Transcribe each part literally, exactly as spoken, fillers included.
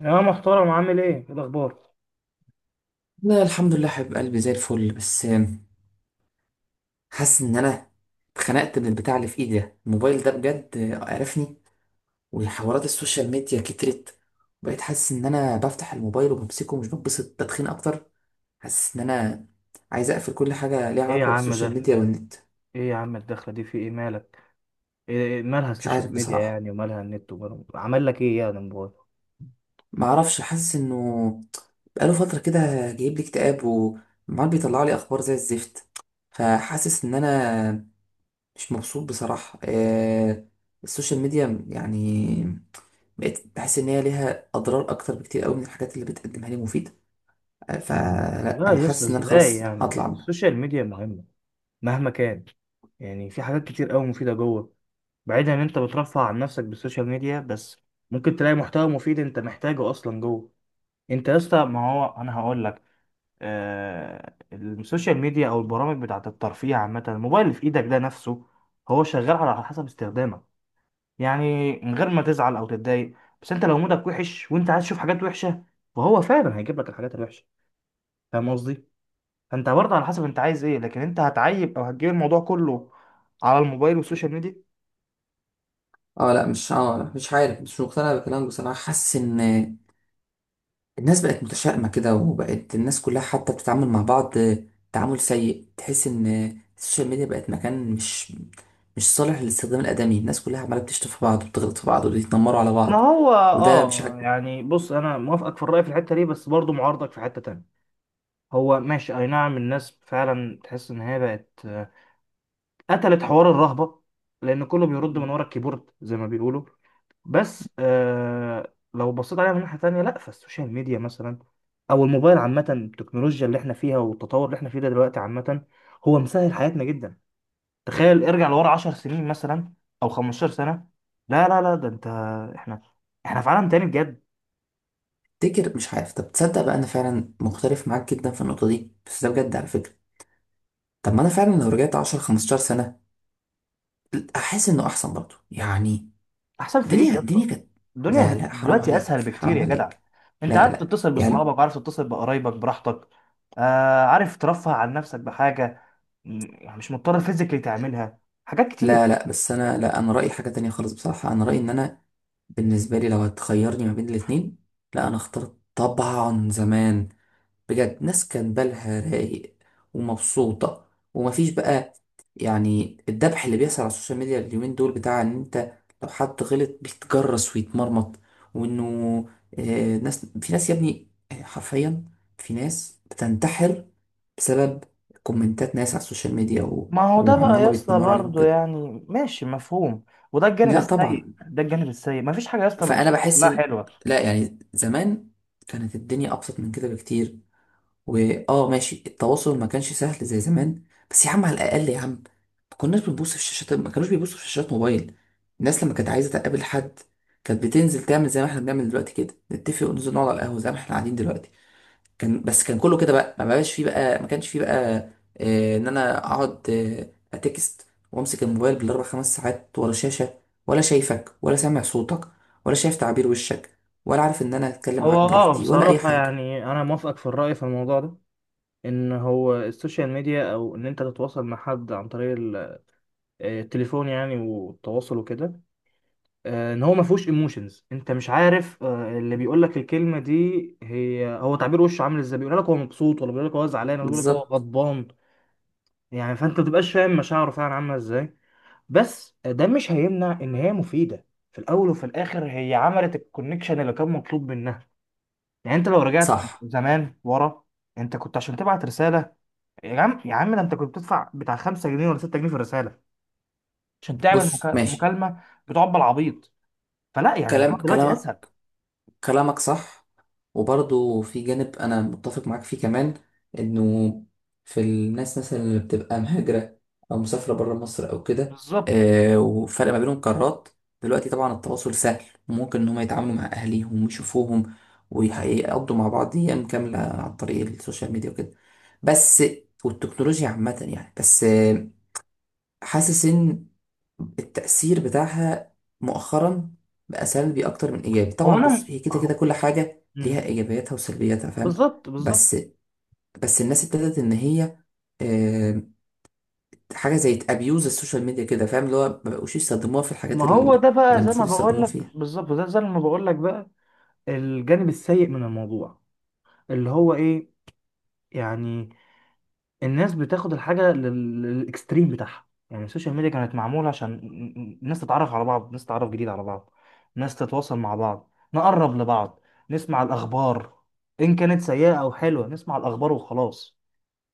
يا محترم، عامل ايه إيه الاخبار؟ لا، الحمد لله، حبيب قلبي زي الفل. بس حاسس ان انا اتخنقت من البتاع اللي في ايدي ده. الموبايل ده بجد قرفني، وحوارات السوشيال ميديا كترت. بقيت حاسس ان انا بفتح الموبايل وبمسكه ومش بتبسط، تدخين اكتر. حاسس ان انا عايز اقفل كل حاجه ليها ايه يا علاقه عم ده بالسوشيال في- ميديا والنت. ايه يا عم، الدخله دي في ايه، مالك؟ ايه إيه مالها مش عارف السوشيال ميديا بصراحه، يعني، ومالها النت، ومالها عمل لك ايه يعني الموبايل؟ ما اعرفش. حاسس انه بقاله فتره كده جايب لي اكتئاب وعمال بيطلع لي اخبار زي الزفت، فحاسس ان انا مش مبسوط بصراحة. آه السوشيال ميديا يعني بقيت بحس ان هي ليها اضرار اكتر بكتير قوي من الحاجات اللي بتقدمها لي مفيدة. آه، مم، فلا لا انا يا اسطى، حاسس ان انا ازاي؟ خلاص يعني هطلع منها. السوشيال ميديا مهمه مهما كان. يعني في حاجات كتير قوي مفيده جوه، بعيدا ان انت بترفع عن نفسك بالسوشيال ميديا بس، ممكن تلاقي محتوى مفيد انت محتاجه اصلا جوه. انت يا اسطى، ما هو انا هقول لك. آه، السوشيال ميديا او البرامج بتاعت الترفيه عامه، الموبايل اللي في ايدك ده نفسه، هو شغال على حسب استخدامك. يعني من غير ما تزعل او تتضايق، بس انت لو مودك وحش وانت عايز تشوف حاجات وحشه، فهو فعلا هيجيب لك الحاجات الوحشه. فاهم قصدي؟ فانت برضه على حسب انت عايز ايه، لكن انت هتعيب او هتجيب الموضوع كله على الموبايل والسوشيال ميديا. اه لا مش اه لا، مش عارف، مش مقتنع بكلامك بصراحة. حاسس ان الناس بقت متشائمة كده، وبقت الناس كلها حتى بتتعامل مع بعض تعامل سيء. تحس ان السوشيال ميديا بقت مكان مش مش صالح للاستخدام الآدمي. الناس كلها عمالة بتشتم في بعض وبتغلط في بعض وبيتنمروا على ما بعض، هو وده مش اه، عاجبني. يعني بص، انا موافقك في الرأي في الحتة دي، بس برضه معارضك في حتة تانية. هو ماشي، اي نعم، الناس فعلا تحس ان هي بقت قتلت حوار الرهبة، لأن كله بيرد من ورا الكيبورد زي ما بيقولوا. بس آه، لو بصيت عليها من ناحية تانية، لا، فالسوشيال ميديا مثلا، أو الموبايل عامة، التكنولوجيا اللي احنا فيها والتطور اللي احنا فيه ده دلوقتي عامة، هو مسهل حياتنا جدا. تخيل ارجع لورا 10 سنين مثلا، أو 15 سنة. لا لا لا، ده انت، احنا احنا في عالم تاني بجد. تفتكر؟ مش عارف. طب تصدق بقى انا فعلا مختلف معاك جدا في النقطه دي، بس ده بجد على فكره. طب ما انا فعلا لو رجعت عشرة خمستاشر سنه احس انه احسن برضه يعني. احسن في ايه الدنيا يا اسطى؟ الدنيا كانت، لا الدنيا لا، حرام دلوقتي اسهل عليك، بكتير حرام يا جدع. عليك. انت لا عارف لا تتصل يعني. باصحابك، عارف تتصل بقرايبك براحتك، آه، عارف ترفه عن نفسك بحاجه. م- يعني مش مضطر فيزيكلي تعملها، حاجات كتير. لا لا، بس انا، لا، انا رايي حاجه تانية خالص بصراحه. انا رايي ان انا بالنسبه لي لو هتخيرني ما بين الاتنين، لا انا اخترت طبعا زمان. بجد، ناس كان بالها رايق ومبسوطة، ومفيش بقى يعني الدبح اللي بيحصل على السوشيال ميديا اليومين دول، بتاع ان انت لو حد غلط بيتجرس ويتمرمط. وانه آه ناس في ناس، يا ابني، آه، حرفيا في ناس بتنتحر بسبب كومنتات ناس على السوشيال ميديا و... ما هو ده وعن ان بقى هما يا اسطى، بيتنمروا عليهم برضه كده. يعني ماشي مفهوم، وده الجانب لا السيء، طبعا. ده الجانب السيء، مفيش حاجه يا اسطى. فانا بحس لا ان، حلوه. لا يعني زمان كانت الدنيا ابسط من كده بكتير. واه ماشي، التواصل ما كانش سهل زي زمان، بس يا عم على الاقل يا عم ما كناش بنبص في الشاشات، ما كانوش بيبصوا في شاشات موبايل. الناس لما كانت عايزه تقابل حد، كانت بتنزل تعمل زي ما احنا بنعمل دلوقتي كده، نتفق وننزل نقعد على القهوه زي ما احنا قاعدين دلوقتي. كان بس، كان كله كده بقى، ما بقاش فيه بقى، ما كانش فيه بقى آه ان انا اقعد آه اتكست وامسك الموبايل بالاربع خمس ساعات ورا شاشه، ولا شايفك ولا سامع صوتك، ولا شايف تعابير وشك، ولا عارف ان انا اتكلم هو معاك اه، براحتي ولا اي بصراحة حاجه. يعني أنا موافقك في الرأي في الموضوع ده، إن هو السوشيال ميديا أو إن أنت تتواصل مع حد عن طريق ال- آه، التليفون يعني، والتواصل وكده، آه، ان هو ما فيهوش ايموشنز. انت مش عارف، آه، اللي بيقول لك الكلمه دي، هي هو تعبير وشه عامل ازاي، بيقول لك هو مبسوط، ولا بيقول لك هو زعلان، ولا بيقول لك هو بالظبط. غضبان. يعني فانت ما بتبقاش فاهم مشاعره فعلا عامله ازاي. بس ده مش هيمنع ان هي مفيده. في الاول وفي الاخر هي عملت الكونكشن اللي كان مطلوب منها. يعني انت لو رجعت صح. زمان ورا، انت كنت عشان تبعت رساله، يا عم، يا عم ده انت كنت بتدفع بتاع خمسة جنيه ولا ستة جنيه في الرساله، عشان تعمل بص مكا- ماشي. مكالمه بتقعد بالعبيط. فلا، يعني كلام الموضوع دلوقتي كلام اسهل. كلامك صح. وبرضه في جانب انا متفق معاك فيه كمان، انه في الناس مثلا اللي بتبقى مهاجرة او مسافرة بره مصر او كده. بالظبط. آه، وفرق ما بينهم قارات، دلوقتي طبعا التواصل سهل وممكن ان هم يتعاملوا مع اهاليهم ويشوفوهم، ويقضوا مع بعض ايام كاملة عن طريق السوشيال ميديا وكده. بس والتكنولوجيا عامة يعني، بس حاسس ان التأثير بتاعها مؤخرا بقى سلبي اكتر من ايجابي. هو طبعا انا بص، م- هي كده أهو- كده كل حاجة ليها مم. ايجابياتها وسلبياتها، فاهم؟ بالظبط، بالظبط. بس بس الناس ابتدت ان هي، آه، حاجة زي تابيوز السوشيال ميديا كده، فاهم؟ اللي هو ما بقوش يستخدموها في ما الحاجات ال- هو ده اللي بقى زي ما المفروض بقول يستخدموها لك فيها. بالظبط، ده زي ما بقول لك بقى، الجانب السيء من الموضوع، اللي هو ايه، يعني الناس بتاخد الحاجه لل- للاكستريم بتاعها. يعني السوشيال ميديا كانت معموله عشان ن- الناس تتعرف على بعض، ناس تتعرف جديد على بعض، ناس تتواصل مع بعض، نقرب لبعض، نسمع الاخبار، ان كانت سيئه او حلوه، نسمع الاخبار وخلاص.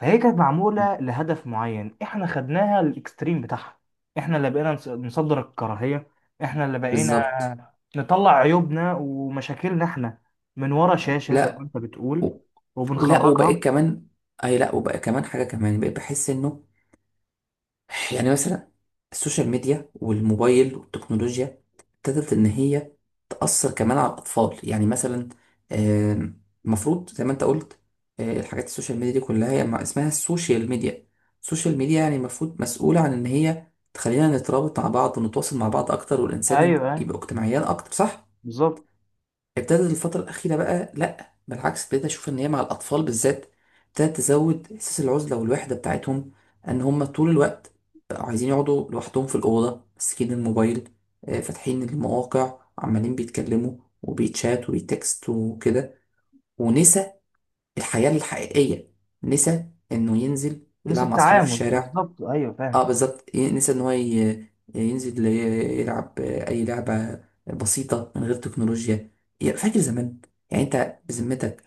فهي كانت معمولة لهدف معين، احنا خدناها للاكستريم بتاعها. احنا اللي بقينا نص- نصدر الكراهية، احنا اللي بقينا بالظبط. نطلع عيوبنا ومشاكلنا احنا، من ورا شاشة زي ما لا انت بتقول، و- ولا، وبقيت وبنخرجها. كمان، اي لا، وبقى كمان حاجة كمان، بقيت بحس انه يعني مثلا السوشيال ميديا والموبايل والتكنولوجيا ابتدت إن هي تأثر كمان على الأطفال. يعني مثلا آم، المفروض زي ما أنت قلت، آه، الحاجات السوشيال ميديا دي كلها هي مع- اسمها السوشيال ميديا. السوشيال ميديا يعني المفروض مسؤولة عن إن هي تخلينا نترابط مع بعض ونتواصل مع بعض أكتر، والإنسان ايوه، ايوه، يبقى اجتماعيا أكتر، صح؟ بالظبط. ابتدت الفترة الأخيرة بقى لأ، بالعكس، ابتديت أشوف إن هي مع الأطفال بالذات ابتدت تزود إحساس العزلة والوحدة بتاعتهم. إن هم طول الوقت بقوا عايزين يقعدوا لوحدهم في الأوضة ماسكين الموبايل، آه، فاتحين المواقع، عمالين بيتكلموا وبيتشات وبيتكست وكده. ونسى الحياة الحقيقية، نسى إنه ينزل نسى يلعب مع أصحابه في التعامل، الشارع. بالظبط، ايوه، اه فاهم. بالظبط، ي- نسى ان هو ي- ينزل ي- يلعب اي لعبه بسيطه من غير تكنولوجيا. يا- فاكر زمان؟ يعني انت بذمتك،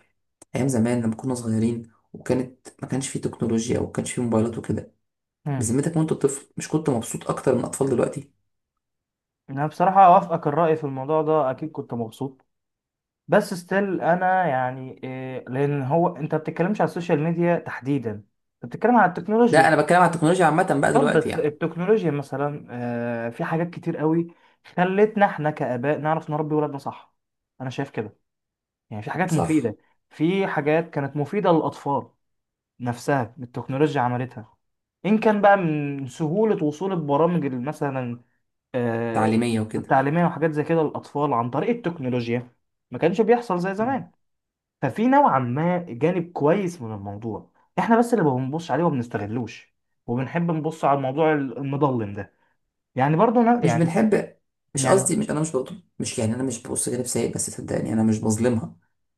ايام زمان لما كنا صغيرين وكانت، ما كانش فيه تكنولوجيا وما كانش فيه موبايلات وكده، مم. بذمتك وانت طفل مش كنت مبسوط اكتر من اطفال دلوقتي؟ انا بصراحة اوافقك الرأي في الموضوع ده، اكيد كنت مبسوط، بس ستيل انا يعني إيه، لان هو انت بتتكلمش على السوشيال ميديا تحديدا، انت بتتكلم على لا التكنولوجيا. انا بتكلم على التكنولوجيا عامه بقى طب دلوقتي بس يعني. التكنولوجيا مثلا، آه، في حاجات كتير قوي خلتنا احنا كآباء نعرف نربي ولادنا صح. انا شايف كده. يعني في حاجات مفيدة، صح. في حاجات كانت مفيدة للأطفال نفسها التكنولوجيا عملتها، إن كان بقى من سهولة وصول البرامج ال- مثلا، آه، تعليميه وكده. التعليمية وحاجات زي كده للأطفال عن طريق التكنولوجيا، ما كانش بيحصل زي زمان. ففي نوعا ما جانب كويس من الموضوع، احنا بس اللي ما بنبصش عليه وما بنستغلوش، وبنحب نبص على الموضوع المظلم ده. يعني برضه أنا مش يعني بنحب، مش يعني قصدي، مش انا مش بطل، مش يعني انا مش ببص جانب سيء، بس صدقني انا مش بظلمها.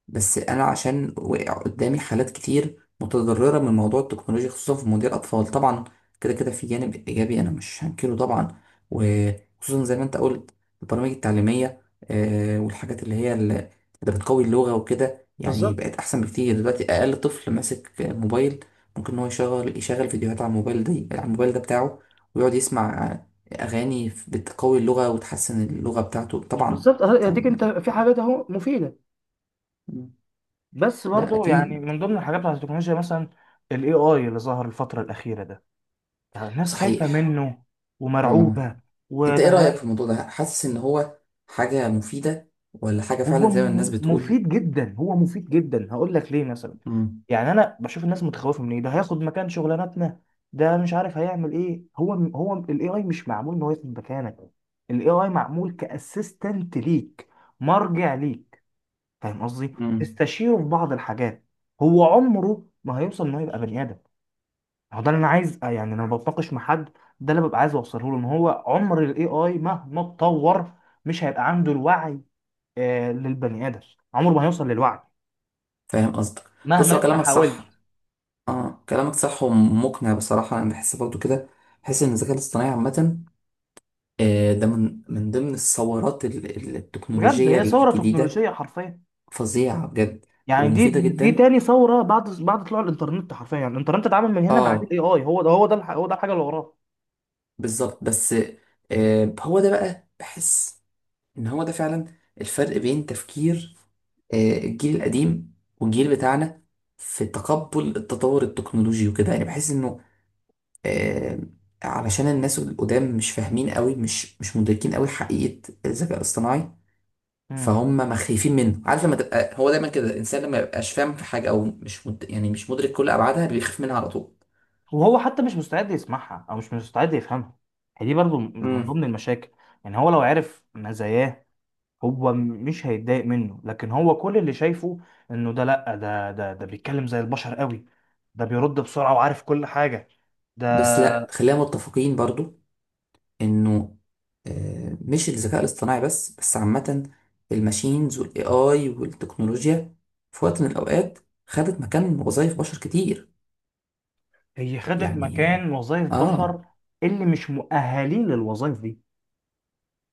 بس انا عشان وقع قدامي حالات كتير متضرره من موضوع التكنولوجيا، خصوصا في مواضيع الاطفال طبعا. كده كده في جانب ايجابي، انا مش هنكره طبعا. وخصوصا زي ما انت قلت، البرامج التعليميه، آه، والحاجات اللي هي اللي اللي بتقوي اللغه وكده، يعني بالظبط، بقت احسن بكتير دلوقتي. اقل طفل ماسك موبايل ممكن ان هو يشغل يشغل فيديوهات على الموبايل ده، على الموبايل ده بتاعه، ويقعد يسمع أغاني بتقوي اللغة وتحسن اللغة بتاعته طبعا. بالظبط. أه، اديك انت فاهم؟ في حاجات اهو مفيده. بس لا برضه يعني أكيد. من ضمن الحاجات بتاعت التكنولوجيا مثلا، ال إيه آي اللي ظهر الفترة الأخيرة ده، ده الناس خايفة صحيح. منه آه. ومرعوبة. أنت إيه وده رأيك هي- في الموضوع ده؟ حاسس إن هو حاجة مفيدة، ولا حاجة هو فعلا زي ما الناس م- بتقول؟ مفيد جدا، هو مفيد جدا، هقول لك ليه مثلا. مم. يعني أنا بشوف الناس متخوفة من إيه، ده هياخد مكان شغلانتنا، ده مش عارف هيعمل إيه. هو هو ال إيه آي مش معمول إن هو ياخد مكانك، ال إيه آي معمول كأسيستنت ليك، مرجع ليك، فاهم قصدي. مم. استشيره في بعض الحاجات، هو عمره ما هيوصل ان هو يبقى بني ادم. هو ده اللي انا عايز، آه، يعني لما بتناقش مع حد، ده اللي ببقى عايز اوصله له، ان هو عمر الاي اي مهما اتطور مش هيبقى عنده الوعي، آه للبني ادم، عمره ما هيوصل للوعي فاهم قصدك. بص، مهما هو انت كلامك صح. حاولت. آه، كلامك صح ومقنع بصراحة، أنا بحس برضو كده. بحس إن الذكاء الاصطناعي عامة، آه، ده من من ضمن الثورات ال- ال- بجد التكنولوجية هي ثوره الجديدة. تكنولوجيه حرفيا. فظيعة بجد، يعني دي، ومفيدة دي جدا. تاني ثوره بعد بعد طلوع الانترنت حرفيا. الانترنت اتعمل من هنا، بعد اه الاي اي، هو ده هو ده الح- هو ده الحاجه اللي وراه. بالظبط. بس آه، هو ده بقى، بحس ان هو ده فعلا الفرق بين تفكير آه، الجيل القديم والجيل بتاعنا في تقبل التطور التكنولوجي وكده. يعني بحس انه آه، علشان الناس القدام مش فاهمين قوي، مش مش مدركين قوي حقيقة الذكاء الاصطناعي، فهم ما خايفين منه. عارف لما تبقى، هو دايما كده الانسان، لما يبقاش فاهم في حاجة او مش مد... يعني مش مدرك كل ابعادها، بيخاف منها على طول. وهو حتى مش مستعد يسمعها او مش مستعد يفهمها، هي دي برضو من امم ضمن المشاكل. يعني هو لو عرف مزاياه هو م- مش هيتضايق منه، لكن هو كل اللي شايفه انه ده، لا، ده ده ده بيتكلم زي البشر قوي، ده بيرد بسرعة وعارف كل حاجة، بس ده. لا، خلينا متفقين برضو انه آه، مش الذكاء الاصطناعي بس، بس عامة، الماشينز والاي اي والتكنولوجيا في وقت من الاوقات خدت مكان وظائف بشر كتير. هي خدت يعني مكان وظائف اه. بشر اللي مش مؤهلين للوظائف دي.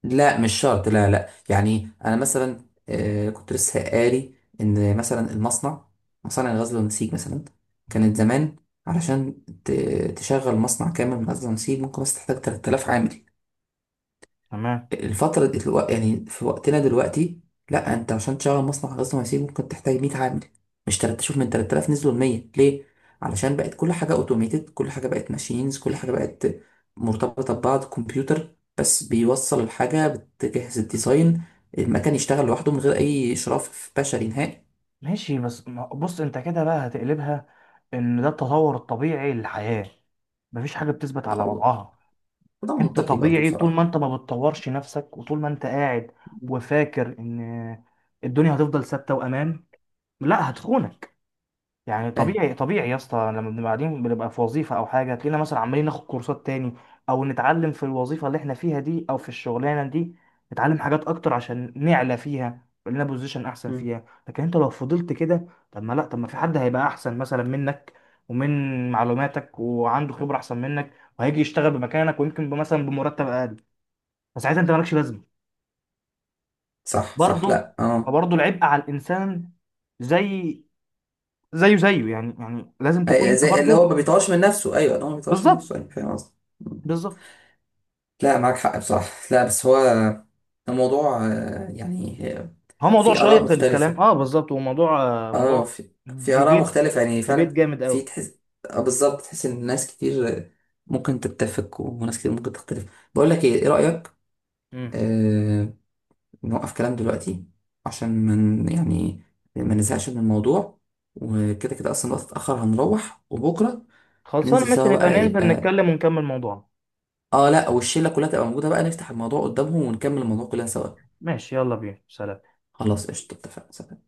لا مش شرط، لا لا، يعني انا مثلا آه كنت لسه قاري ان مثلا المصنع مصانع الغزل والنسيج مثلا كانت مم. زمان علشان ت- تشغل مصنع كامل من غزل ونسيج ممكن بس تحتاج تلات الاف عامل. تمام. الفترة دي- الوق- يعني في وقتنا دلوقتي لا، انت عشان تشغل مصنع غزل ونسيج ممكن تحتاج مية عامل. مش تلات، شوف، من تلات الاف نزلوا ل مية، ليه؟ علشان بقت كل حاجة اوتوميتد، كل حاجة بقت ماشينز، كل حاجة بقت مرتبطة ببعض. كمبيوتر بس بيوصل الحاجة، بتجهز الديزاين، المكان يشتغل لوحده من غير أي إشراف بشري نهائي. ماشي، بس ما- بص، انت كده بقى هتقلبها، ان ده التطور الطبيعي للحياة. مفيش حاجة بتثبت على أو- وضعها. وده انت منطقي برضه طبيعي طول بصراحة. ما انت ما بتطورش نفسك وطول ما انت قاعد وفاكر ان الدنيا هتفضل ثابته وامان، لا، هتخونك. يعني فاهم. طبيعي، طبيعي يا اسطى، لما بنبقى قاعدين بنبقى في وظيفه او حاجه، تلاقينا مثلا عمالين ناخد كورسات تاني او نتعلم في الوظيفه اللي احنا فيها دي او في الشغلانه دي، نتعلم حاجات اكتر عشان نعلى فيها، يبقى لنا بوزيشن احسن مم. فيها. لكن انت لو فضلت كده، طب ما لا، طب ما في حد هيبقى احسن مثلا منك، ومن معلوماتك، وعنده خبره احسن منك، وهيجي يشتغل بمكانك، ويمكن مثلا بمرتب اقل، فساعتها انت مالكش لازمه صح صح. برضه. لا اه، فبرضه العبء على الانسان، زي زيه زيه يعني، يعني لازم أي- تكون انت زي اللي هو ما برضه. بيطورش من نفسه. أيوه، اللي هو ما بيطورش من بالظبط، نفسه. أيوه، فاهم قصدي. بالظبط. لا معاك حق بصراحة. لا بس هو الموضوع آه، يعني آه، هو موضوع في آراء شيق الكلام، مختلفة. اه، بالظبط، هو موضوع، آه، اه موضوع في, في آراء ديبيت، مختلفة يعني ديبيت فعلا. جامد في قوي. تحس آه، بالظبط، تحس إن ناس كتير آه، ممكن تتفق، وناس كتير ممكن تختلف. بقول لك إيه إيه رأيك؟ امم آه، نوقف كلام دلوقتي عشان من يعني ما نزهقش من الموضوع، وكده كده أصلا الوقت اتأخر هنروح. وبكرة خلصانه، ننزل ماشي، سوا نبقى بقى، ننزل يبقى نتكلم ونكمل موضوعنا. اه لا، والشلة كلها تبقى موجودة بقى، نفتح الموضوع قدامهم ونكمل الموضوع كلنا سوا. ماشي، يلا بينا، سلام. خلاص، قشطة، اتفقنا، سلام.